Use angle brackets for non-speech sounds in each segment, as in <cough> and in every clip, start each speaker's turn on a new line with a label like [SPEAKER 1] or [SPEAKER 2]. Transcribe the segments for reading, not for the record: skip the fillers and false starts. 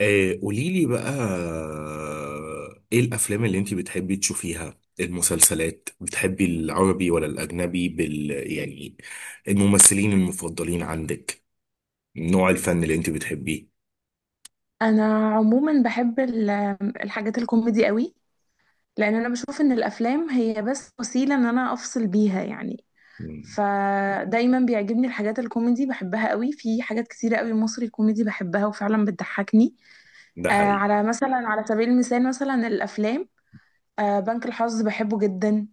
[SPEAKER 1] قوليلي بقى ايه الافلام اللي انت بتحبي تشوفيها؟ المسلسلات بتحبي العربي ولا الاجنبي بال يعني؟ الممثلين المفضلين عندك؟ نوع الفن اللي انت بتحبيه؟
[SPEAKER 2] انا عموما بحب ال- الحاجات الكوميدي قوي. لان انا بشوف ان الافلام هي بس وسيله ان انا افصل بيها يعني.
[SPEAKER 1] مم،
[SPEAKER 2] فدايما بيعجبني الحاجات الكوميدي، بحبها قوي. في حاجات كتيره قوي مصري كوميدي بحبها وفعلا بتضحكني.
[SPEAKER 1] ده حقيقي.
[SPEAKER 2] على مثلا على سبيل المثال مثلا الافلام. بنك الحظ بحبه جدا.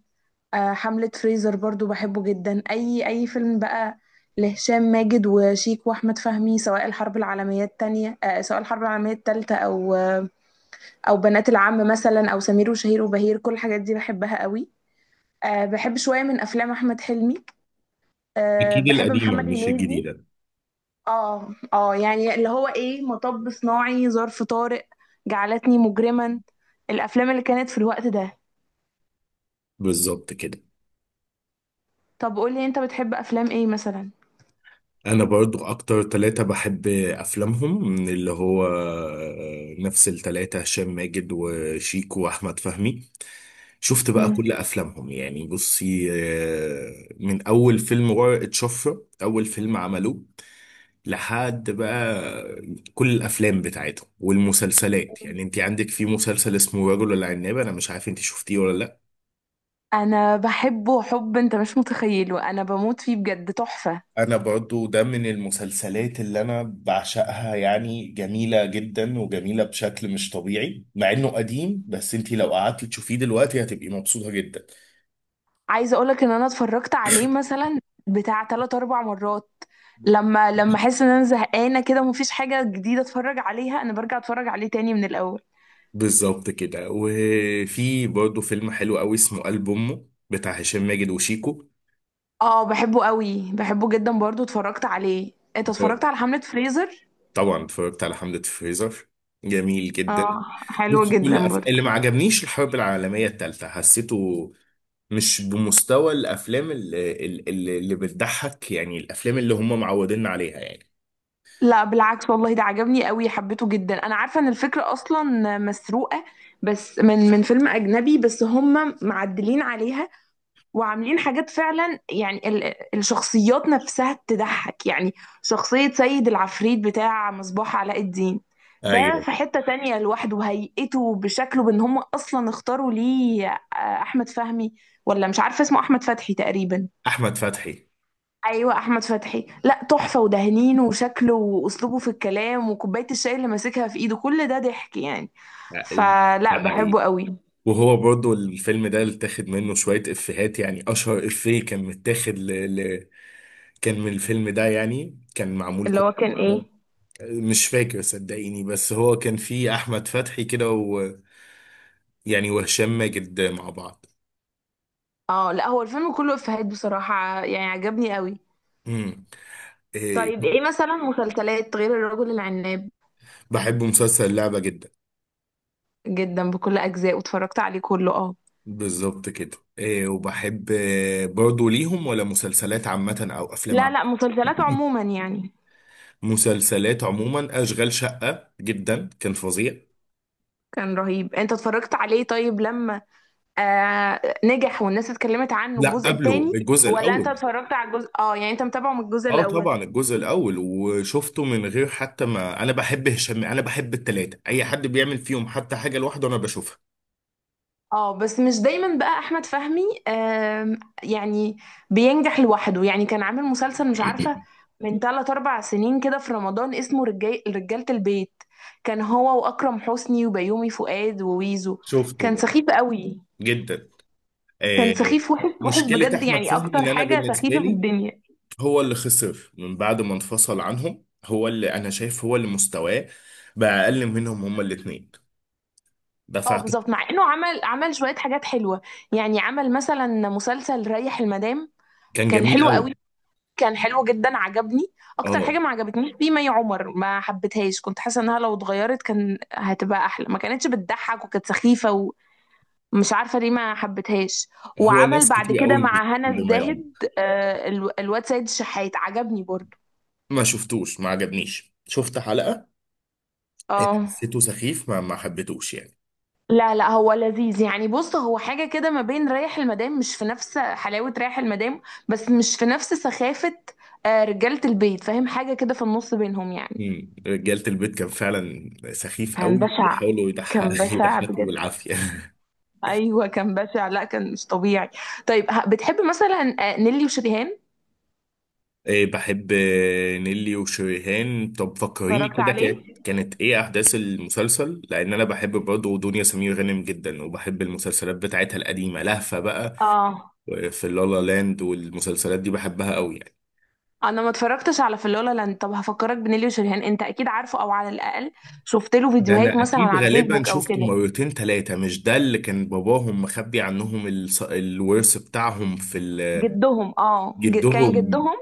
[SPEAKER 2] حملة فريزر برضو بحبه جدا. اي فيلم بقى لهشام ماجد وشيك واحمد فهمي، سواء الحرب العالميه التانية، سواء الحرب العالميه التالتة، او او بنات العم مثلا، او سمير وشهير وبهير. كل الحاجات دي بحبها قوي. بحب شويه من افلام احمد حلمي.
[SPEAKER 1] اكيد
[SPEAKER 2] بحب
[SPEAKER 1] القديمة
[SPEAKER 2] محمد
[SPEAKER 1] مش
[SPEAKER 2] هنيدي.
[SPEAKER 1] الجديدة.
[SPEAKER 2] اه يعني اللي هو ايه، مطب صناعي، ظرف طارق، جعلتني مجرما. الافلام اللي كانت في الوقت ده.
[SPEAKER 1] بالظبط كده.
[SPEAKER 2] طب قولي، انت بتحب افلام ايه مثلا؟
[SPEAKER 1] انا برضو اكتر ثلاثة بحب افلامهم، من اللي هو نفس الثلاثة، هشام ماجد وشيكو واحمد فهمي. شفت بقى
[SPEAKER 2] مم.
[SPEAKER 1] كل افلامهم، يعني بصي، من اول فيلم ورقة شفرة، اول فيلم عملوه لحد بقى، كل الافلام بتاعتهم والمسلسلات. يعني انت عندك في مسلسل اسمه رجل العناب، انا مش عارف انت شفتيه ولا لا.
[SPEAKER 2] انا بحبه حب انت مش متخيله، انا بموت فيه بجد، تحفه.
[SPEAKER 1] انا برضو ده من المسلسلات اللي انا بعشقها، يعني جميلة جدا وجميلة بشكل مش طبيعي، مع انه قديم، بس انتي لو قعدتي تشوفيه دلوقتي هتبقي مبسوطة جدا.
[SPEAKER 2] عايزه اقولك ان انا اتفرجت عليه مثلا بتاع 3 4 مرات. لما احس ان انا زهقانه كده ومفيش حاجه جديده اتفرج عليها، انا برجع اتفرج عليه تاني من الاول.
[SPEAKER 1] بالظبط كده. وفي برضو فيلم حلو قوي اسمه قلب امه، بتاع هشام ماجد وشيكو.
[SPEAKER 2] اه بحبه قوي، بحبه جدا برضو اتفرجت عليه. انت اتفرجت على حملة فريزر؟
[SPEAKER 1] طبعا اتفرجت على حملة فريزر. جميل جدا.
[SPEAKER 2] اه حلو
[SPEAKER 1] بص، كل
[SPEAKER 2] جدا برضو.
[SPEAKER 1] اللي ما عجبنيش الحرب العالمية التالتة، حسيته مش بمستوى الأفلام اللي بتضحك، يعني الأفلام اللي هم معوديننا عليها يعني.
[SPEAKER 2] لا بالعكس والله ده عجبني قوي، حبيته جدا. انا عارفه ان الفكره اصلا مسروقه بس من فيلم اجنبي، بس هم معدلين عليها وعاملين حاجات فعلا. يعني ال- الشخصيات نفسها تضحك يعني. شخصية سيد العفريت بتاع مصباح علاء الدين، ده
[SPEAKER 1] أيوه.
[SPEAKER 2] في حتة تانية لوحده، هيئته بشكله، بان هم اصلا اختاروا ليه احمد فهمي، ولا مش عارفة اسمه احمد فتحي تقريبا.
[SPEAKER 1] أحمد فتحي.
[SPEAKER 2] ايوه احمد فتحي، لا تحفة، ودهنينه وشكله واسلوبه في الكلام وكوباية الشاي اللي ماسكها في ايده، كل ده ضحك يعني.
[SPEAKER 1] ده
[SPEAKER 2] فلا
[SPEAKER 1] حقيقي.
[SPEAKER 2] بحبه قوي.
[SPEAKER 1] وهو برضو الفيلم ده اللي اتاخد منه شوية إفيهات، يعني أشهر إفيه كان متاخد كان من الفيلم ده، يعني كان معمول
[SPEAKER 2] اللي
[SPEAKER 1] كوميدي.
[SPEAKER 2] هو كان ايه؟
[SPEAKER 1] مش فاكر صدقيني، بس هو كان فيه احمد فتحي كده و... يعني، وهشام ماجد مع بعض.
[SPEAKER 2] اه لا هو الفيلم كله افيهات بصراحة، يعني عجبني قوي.
[SPEAKER 1] امم. إيه.
[SPEAKER 2] طيب ايه مثلا مسلسلات غير الرجل العناب؟
[SPEAKER 1] بحب مسلسل اللعبة جدا.
[SPEAKER 2] جدا بكل اجزاء، واتفرجت عليه كله، اه.
[SPEAKER 1] بالظبط كده. إيه، وبحب برضو ليهم، ولا مسلسلات عامة او افلام
[SPEAKER 2] لا
[SPEAKER 1] عامة؟
[SPEAKER 2] لا مسلسلات
[SPEAKER 1] <laughs>
[SPEAKER 2] عموما يعني.
[SPEAKER 1] مسلسلات عموما. اشغال شقة جدا كان فظيع.
[SPEAKER 2] كان رهيب، انت اتفرجت عليه؟ طيب لما نجح والناس اتكلمت عنه،
[SPEAKER 1] لا،
[SPEAKER 2] الجزء
[SPEAKER 1] قبله
[SPEAKER 2] التاني؟
[SPEAKER 1] الجزء
[SPEAKER 2] ولا انت
[SPEAKER 1] الاول.
[SPEAKER 2] اتفرجت على الجزء، اه يعني انت متابعه من الجزء
[SPEAKER 1] اه،
[SPEAKER 2] الاول؟
[SPEAKER 1] طبعا الجزء الاول، وشفته من غير حتى، ما انا بحب هشام، انا بحب التلاتة، اي حد بيعمل فيهم حتى حاجة لوحده انا بشوفها.
[SPEAKER 2] اه بس مش دايما بقى احمد فهمي يعني بينجح لوحده. يعني كان عامل مسلسل مش عارفه من 3 4 سنين كده في رمضان اسمه رجال رجاله البيت، كان هو واكرم حسني وبيومي فؤاد وويزو.
[SPEAKER 1] شفته
[SPEAKER 2] كان
[SPEAKER 1] برضه.
[SPEAKER 2] سخيف قوي.
[SPEAKER 1] جدا.
[SPEAKER 2] كان
[SPEAKER 1] آه،
[SPEAKER 2] سخيف وحش وحش
[SPEAKER 1] مشكلة
[SPEAKER 2] بجد،
[SPEAKER 1] أحمد
[SPEAKER 2] يعني
[SPEAKER 1] فهمي،
[SPEAKER 2] اكتر
[SPEAKER 1] إن أنا
[SPEAKER 2] حاجه
[SPEAKER 1] بالنسبة
[SPEAKER 2] سخيفه في
[SPEAKER 1] لي،
[SPEAKER 2] الدنيا.
[SPEAKER 1] هو اللي خسر من بعد ما انفصل عنهم، هو اللي أنا شايف هو اللي مستواه بقى أقل منهم هما الاتنين. ده
[SPEAKER 2] اه
[SPEAKER 1] فاعتقد.
[SPEAKER 2] بالظبط. مع انه عمل شويه حاجات حلوه يعني. عمل مثلا مسلسل ريح المدام،
[SPEAKER 1] كان
[SPEAKER 2] كان
[SPEAKER 1] جميل
[SPEAKER 2] حلو
[SPEAKER 1] أوي.
[SPEAKER 2] قوي، كان حلو جدا عجبني. اكتر
[SPEAKER 1] أه.
[SPEAKER 2] حاجه ما عجبتنيش فيه مي عمر، ما حبيتهاش، كنت حاسه انها لو اتغيرت كان هتبقى احلى، ما كانتش بتضحك وكانت سخيفه، ومش عارفه ليه ما حبيتهاش.
[SPEAKER 1] هو
[SPEAKER 2] وعمل
[SPEAKER 1] ناس
[SPEAKER 2] بعد
[SPEAKER 1] كتير
[SPEAKER 2] كده
[SPEAKER 1] أوي مش
[SPEAKER 2] مع هنا
[SPEAKER 1] بما يعمل.
[SPEAKER 2] الزاهد، ال- الواد سيد الشحات، عجبني برضو.
[SPEAKER 1] ما شفتوش، ما عجبنيش، شفت حلقة،
[SPEAKER 2] اه
[SPEAKER 1] حسيته سخيف، ما حبيتوش يعني.
[SPEAKER 2] لا لا هو لذيذ يعني. بص هو حاجه كده ما بين رايح المدام، مش في نفس حلاوه رايح المدام بس مش في نفس سخافه رجاله البيت. فاهم؟ حاجه كده في النص بينهم يعني.
[SPEAKER 1] مم. رجالة البيت كان فعلا سخيف
[SPEAKER 2] كان
[SPEAKER 1] أوي،
[SPEAKER 2] بشع،
[SPEAKER 1] بيحاولوا
[SPEAKER 2] كان بشع
[SPEAKER 1] يضحكوا
[SPEAKER 2] بجد.
[SPEAKER 1] بالعافية. <laughs>
[SPEAKER 2] ايوه كان بشع، لا كان مش طبيعي. طيب بتحب مثلا نيلي وشريهان؟
[SPEAKER 1] إيه، بحب نيلي وشريهان. طب فكريني
[SPEAKER 2] اتفرجت
[SPEAKER 1] كده،
[SPEAKER 2] عليه،
[SPEAKER 1] كانت ايه احداث المسلسل؟ لان انا بحب برضه دنيا سمير غانم جدا، وبحب المسلسلات بتاعتها القديمه لهفه بقى،
[SPEAKER 2] اه.
[SPEAKER 1] في لالا لاند، والمسلسلات دي بحبها قوي يعني.
[SPEAKER 2] انا ما اتفرجتش على في لا لاند. طب هفكرك بنيلي وشريهان، انت اكيد عارفه او على الاقل شفت له
[SPEAKER 1] ده
[SPEAKER 2] فيديوهات
[SPEAKER 1] انا
[SPEAKER 2] مثلا
[SPEAKER 1] اكيد
[SPEAKER 2] على
[SPEAKER 1] غالبا
[SPEAKER 2] فيسبوك او
[SPEAKER 1] شفته
[SPEAKER 2] كده.
[SPEAKER 1] مرتين ثلاثه. مش ده اللي كان باباهم مخبي عنهم الورث بتاعهم في
[SPEAKER 2] جدهم، اه كان
[SPEAKER 1] جدهم؟
[SPEAKER 2] جدهم،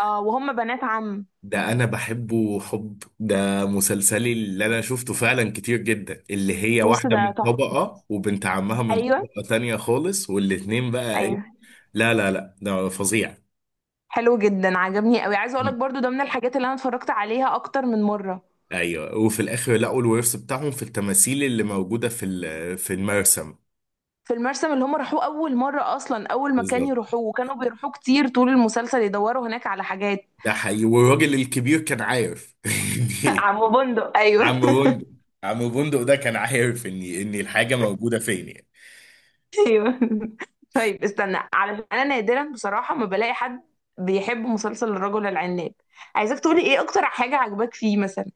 [SPEAKER 2] اه، وهم بنات عم.
[SPEAKER 1] ده انا بحبه حب، ده مسلسلي اللي انا شفته فعلا كتير جدا، اللي هي
[SPEAKER 2] بص
[SPEAKER 1] واحدة
[SPEAKER 2] ده
[SPEAKER 1] من
[SPEAKER 2] تحفه.
[SPEAKER 1] طبقة وبنت عمها من
[SPEAKER 2] ايوه
[SPEAKER 1] طبقة تانية خالص، والاتنين بقى ايه.
[SPEAKER 2] ايوه،
[SPEAKER 1] لا لا لا، ده فظيع.
[SPEAKER 2] حلو جدا عجبني قوي. عايزه اقول لك
[SPEAKER 1] مم.
[SPEAKER 2] برضو ده من الحاجات اللي انا اتفرجت عليها اكتر من مره.
[SPEAKER 1] ايوه، وفي الاخر لقوا الورث بتاعهم في التماثيل اللي موجودة في في المرسم.
[SPEAKER 2] في المرسم اللي هم راحوه أول مرة، أصلا أول مكان
[SPEAKER 1] بالظبط.
[SPEAKER 2] يروحوه وكانوا بيروحوه كتير طول المسلسل، يدوروا هناك على حاجات.
[SPEAKER 1] ده حقيقي. والراجل الكبير كان عارف.
[SPEAKER 2] <laughs> عم بندق،
[SPEAKER 1] <laughs> عم
[SPEAKER 2] أيوه.
[SPEAKER 1] بندق. عم بندق ده كان عارف ان الحاجة موجودة فين يعني.
[SPEAKER 2] <laughs> أيوه. طيب استنى، على أنا نادرا بصراحة ما بلاقي حد بيحب مسلسل الرجل العناب. عايزاك تقولي إيه أكتر حاجة عجباك فيه مثلا.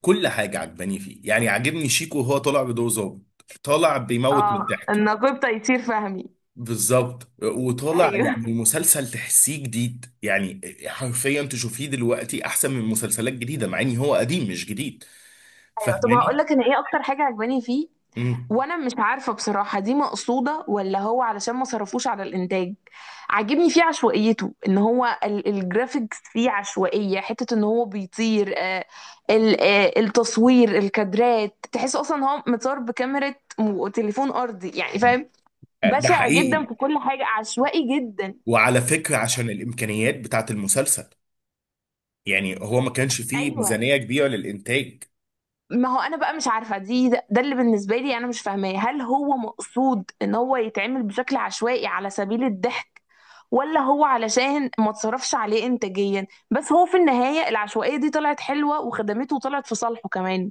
[SPEAKER 1] كل حاجة عجباني فيه، يعني عاجبني شيكو وهو طالع بدور ظابط، طالع بيموت من
[SPEAKER 2] اه
[SPEAKER 1] الضحك.
[SPEAKER 2] النقيب تيسير فهمي.
[SPEAKER 1] بالظبط، وطالع
[SPEAKER 2] أيوه
[SPEAKER 1] يعني
[SPEAKER 2] <laughs>
[SPEAKER 1] مسلسل تحسيه جديد يعني. حرفيا تشوفيه دلوقتي احسن من مسلسلات جديدة، مع ان هو قديم مش جديد.
[SPEAKER 2] أيوه. طب هقول
[SPEAKER 1] فاهماني؟
[SPEAKER 2] لك أنا إيه أكتر حاجة عجباني فيه.
[SPEAKER 1] امم.
[SPEAKER 2] وانا مش عارفه بصراحه دي مقصوده ولا هو علشان ما صرفوش على الانتاج. عاجبني فيه عشوائيته، ان هو الجرافيكس فيه عشوائيه، حته ان هو بيطير، التصوير، الكادرات، تحس اصلا هو متصور بكاميرا تليفون ارضي يعني. فاهم؟
[SPEAKER 1] ده
[SPEAKER 2] بشع جدا،
[SPEAKER 1] حقيقي.
[SPEAKER 2] في كل حاجه عشوائي جدا.
[SPEAKER 1] وعلى فكرة، عشان الامكانيات بتاعت المسلسل، يعني هو ما كانش فيه
[SPEAKER 2] ايوه.
[SPEAKER 1] ميزانية كبيرة للانتاج.
[SPEAKER 2] ما هو انا بقى مش عارفه، دي ده اللي بالنسبه لي انا مش فاهماه، هل هو مقصود ان هو يتعمل بشكل عشوائي على سبيل الضحك ولا هو علشان ما تصرفش عليه انتاجيا؟ بس هو في النهايه العشوائيه دي طلعت حلوه وخدمته وطلعت في صالحه كمان.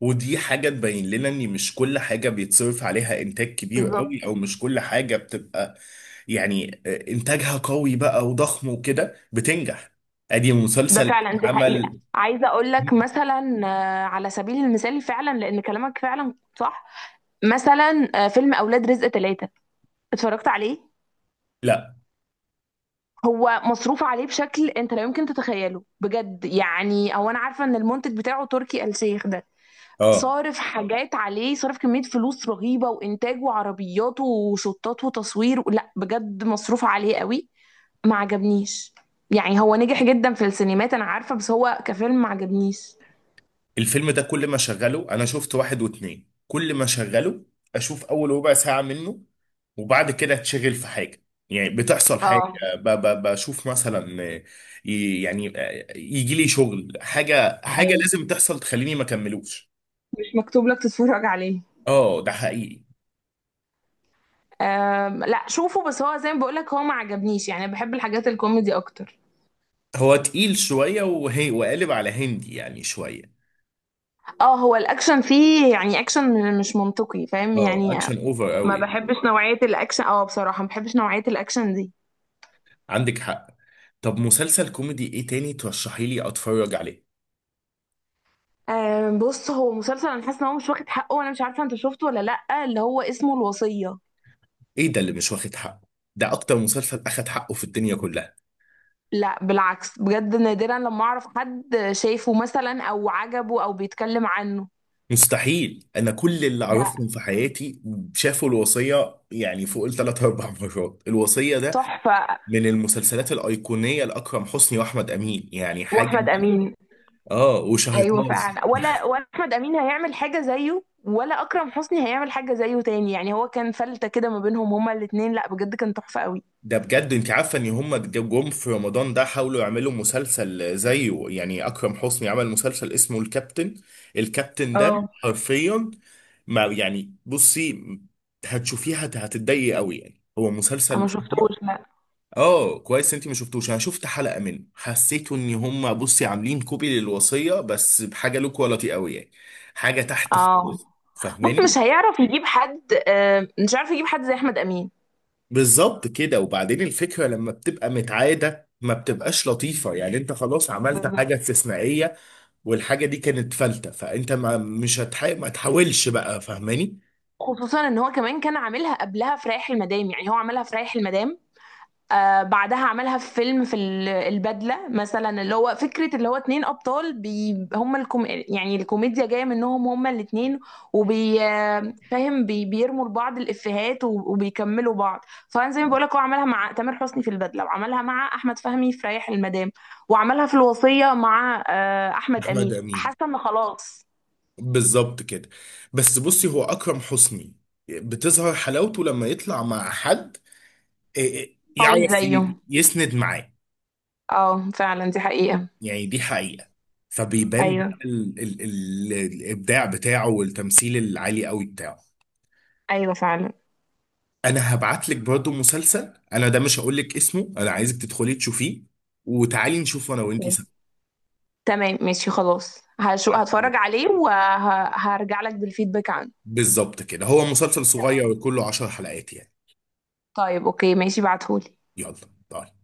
[SPEAKER 1] ودي حاجة تبين لنا ان مش كل حاجة بيتصرف عليها انتاج كبير
[SPEAKER 2] بالظبط.
[SPEAKER 1] قوي، او مش كل حاجة بتبقى يعني انتاجها قوي بقى وضخم وكده بتنجح. ادي
[SPEAKER 2] ده
[SPEAKER 1] مسلسل
[SPEAKER 2] فعلا، دي حقيقة.
[SPEAKER 1] اتعمل.
[SPEAKER 2] عايزة أقول لك
[SPEAKER 1] <laughs>
[SPEAKER 2] مثلا على سبيل المثال، فعلا لأن كلامك فعلا صح. مثلا فيلم أولاد رزق ثلاثة، اتفرجت عليه؟
[SPEAKER 1] لا.
[SPEAKER 2] هو مصروف عليه بشكل انت لا يمكن تتخيله بجد يعني. او انا عارفه ان المنتج بتاعه تركي آل شيخ ده،
[SPEAKER 1] اه،
[SPEAKER 2] صارف حاجات عليه، صارف كميه فلوس رهيبه وانتاج وعربيات وشطات وتصوير، لا بجد مصروف عليه قوي. ما عجبنيش. يعني هو نجح جدا في السينمات انا عارفه، بس هو كفيلم ما عجبنيش.
[SPEAKER 1] الفيلم ده كل ما شغله، انا شفت واحد واتنين، كل ما شغله اشوف اول ربع ساعة منه وبعد كده اتشغل في حاجة، يعني بتحصل حاجة،
[SPEAKER 2] اه
[SPEAKER 1] بشوف مثلا يعني يجي لي شغل حاجة، حاجة
[SPEAKER 2] ايوه.
[SPEAKER 1] لازم تحصل تخليني ما اكملوش.
[SPEAKER 2] مش مكتوب لك تتفرج عليه.
[SPEAKER 1] اه، ده حقيقي.
[SPEAKER 2] لا شوفه، بس هو زي ما بقولك هو ما عجبنيش، يعني بحب الحاجات الكوميدي اكتر.
[SPEAKER 1] هو تقيل شوية، وهي وقالب على هندي يعني شوية.
[SPEAKER 2] اه هو الاكشن فيه، يعني اكشن مش منطقي. فاهم
[SPEAKER 1] اه،
[SPEAKER 2] يعني؟
[SPEAKER 1] اكشن اوفر
[SPEAKER 2] ما
[SPEAKER 1] قوي يعني.
[SPEAKER 2] بحبش نوعية الاكشن، اه بصراحة ما بحبش نوعية الاكشن دي.
[SPEAKER 1] عندك حق. طب مسلسل كوميدي ايه تاني ترشحي لي اتفرج عليه؟
[SPEAKER 2] بص هو مسلسل انا حاسة ان هو مش واخد حقه، وانا مش عارفة انت شفته ولا لأ، اللي هو اسمه الوصية.
[SPEAKER 1] ايه ده اللي مش واخد حقه؟ ده اكتر مسلسل اخد حقه في الدنيا كلها.
[SPEAKER 2] لا بالعكس بجد، نادرا لما اعرف حد شايفه مثلا او عجبه او بيتكلم عنه.
[SPEAKER 1] مستحيل، انا كل اللي
[SPEAKER 2] ده
[SPEAKER 1] اعرفهم في حياتي شافوا الوصية، يعني فوق الثلاث اربع مرات. الوصية ده
[SPEAKER 2] تحفة.
[SPEAKER 1] من المسلسلات الايقونية، لاكرم حسني واحمد امين، يعني حاجة.
[SPEAKER 2] واحمد امين.
[SPEAKER 1] اه، وشهر.
[SPEAKER 2] ايوه فعلا. ولا احمد امين هيعمل حاجة زيه ولا اكرم حسني هيعمل حاجة زيه تاني يعني. هو كان فلتة كده ما بينهم هما الاتنين، لا بجد كان تحفة قوي.
[SPEAKER 1] ده بجد، انت عارفه ان هم جم في رمضان ده حاولوا يعملوا مسلسل زيه، يعني اكرم حسني عمل مسلسل اسمه الكابتن. الكابتن ده
[SPEAKER 2] اه
[SPEAKER 1] حرفيا ما يعني، بصي هتشوفيها هتتضايقي قوي يعني، هو
[SPEAKER 2] انا ما
[SPEAKER 1] مسلسل...
[SPEAKER 2] شفتوش لا.
[SPEAKER 1] اه، كويس انت ما شفتوش. انا شفت حلقه منه، حسيت ان هم، بصي، عاملين كوبي للوصيه بس بحاجه لو كواليتي قوي يعني. حاجه تحت
[SPEAKER 2] اه
[SPEAKER 1] خالص.
[SPEAKER 2] بص
[SPEAKER 1] فاهماني؟
[SPEAKER 2] مش هيعرف يجيب حد، مش عارف يجيب حد زي احمد امين.
[SPEAKER 1] بالظبط كده. وبعدين الفكرة لما بتبقى متعادة ما بتبقاش لطيفة، يعني انت خلاص عملت
[SPEAKER 2] بالظبط.
[SPEAKER 1] حاجة استثنائية، والحاجة دي كانت فلتة، فانت ما مش ما تحاولش بقى، فاهماني؟
[SPEAKER 2] خصوصا ان هو كمان كان عاملها قبلها في رايح المدام، يعني هو عملها في رايح المدام. بعدها عملها في فيلم في البدلة مثلا، اللي هو فكرة اللي هو 2 أبطال بي هم الكوم، يعني الكوميديا جاية منهم هما الاتنين، وبي فاهم، بي بيرموا لبعض الإفيهات و- وبيكملوا بعض. فأنا زي ما بقولك، هو عملها مع تامر حسني في البدلة، وعملها مع أحمد فهمي في ريح المدام، وعملها في الوصية مع أحمد
[SPEAKER 1] احمد
[SPEAKER 2] أمين.
[SPEAKER 1] امين.
[SPEAKER 2] حاسة إن خلاص.
[SPEAKER 1] بالظبط كده. بس بصي هو اكرم حسني بتظهر حلاوته لما يطلع مع حد، إيه،
[SPEAKER 2] قوي
[SPEAKER 1] يعرف
[SPEAKER 2] زيه.
[SPEAKER 1] يسند معاه.
[SPEAKER 2] اه فعلا، دي حقيقة.
[SPEAKER 1] يعني دي حقيقة. فبيبان
[SPEAKER 2] أيوه
[SPEAKER 1] بقى الابداع بتاعه والتمثيل العالي قوي بتاعه.
[SPEAKER 2] أيوه فعلا.
[SPEAKER 1] انا هبعت لك برضه مسلسل، انا ده مش هقول لك اسمه، انا عايزك تدخلي تشوفيه، وتعالي نشوف انا وانتي سوا.
[SPEAKER 2] تمام ماشي خلاص، هشو هتفرج عليه وهرجع لك بالفيدباك عنه.
[SPEAKER 1] بالظبط كده. هو مسلسل صغير،
[SPEAKER 2] تمام.
[SPEAKER 1] وكله 10 حلقات يعني.
[SPEAKER 2] طيب اوكي ماشي، بعتهولي.
[SPEAKER 1] يلا، باي.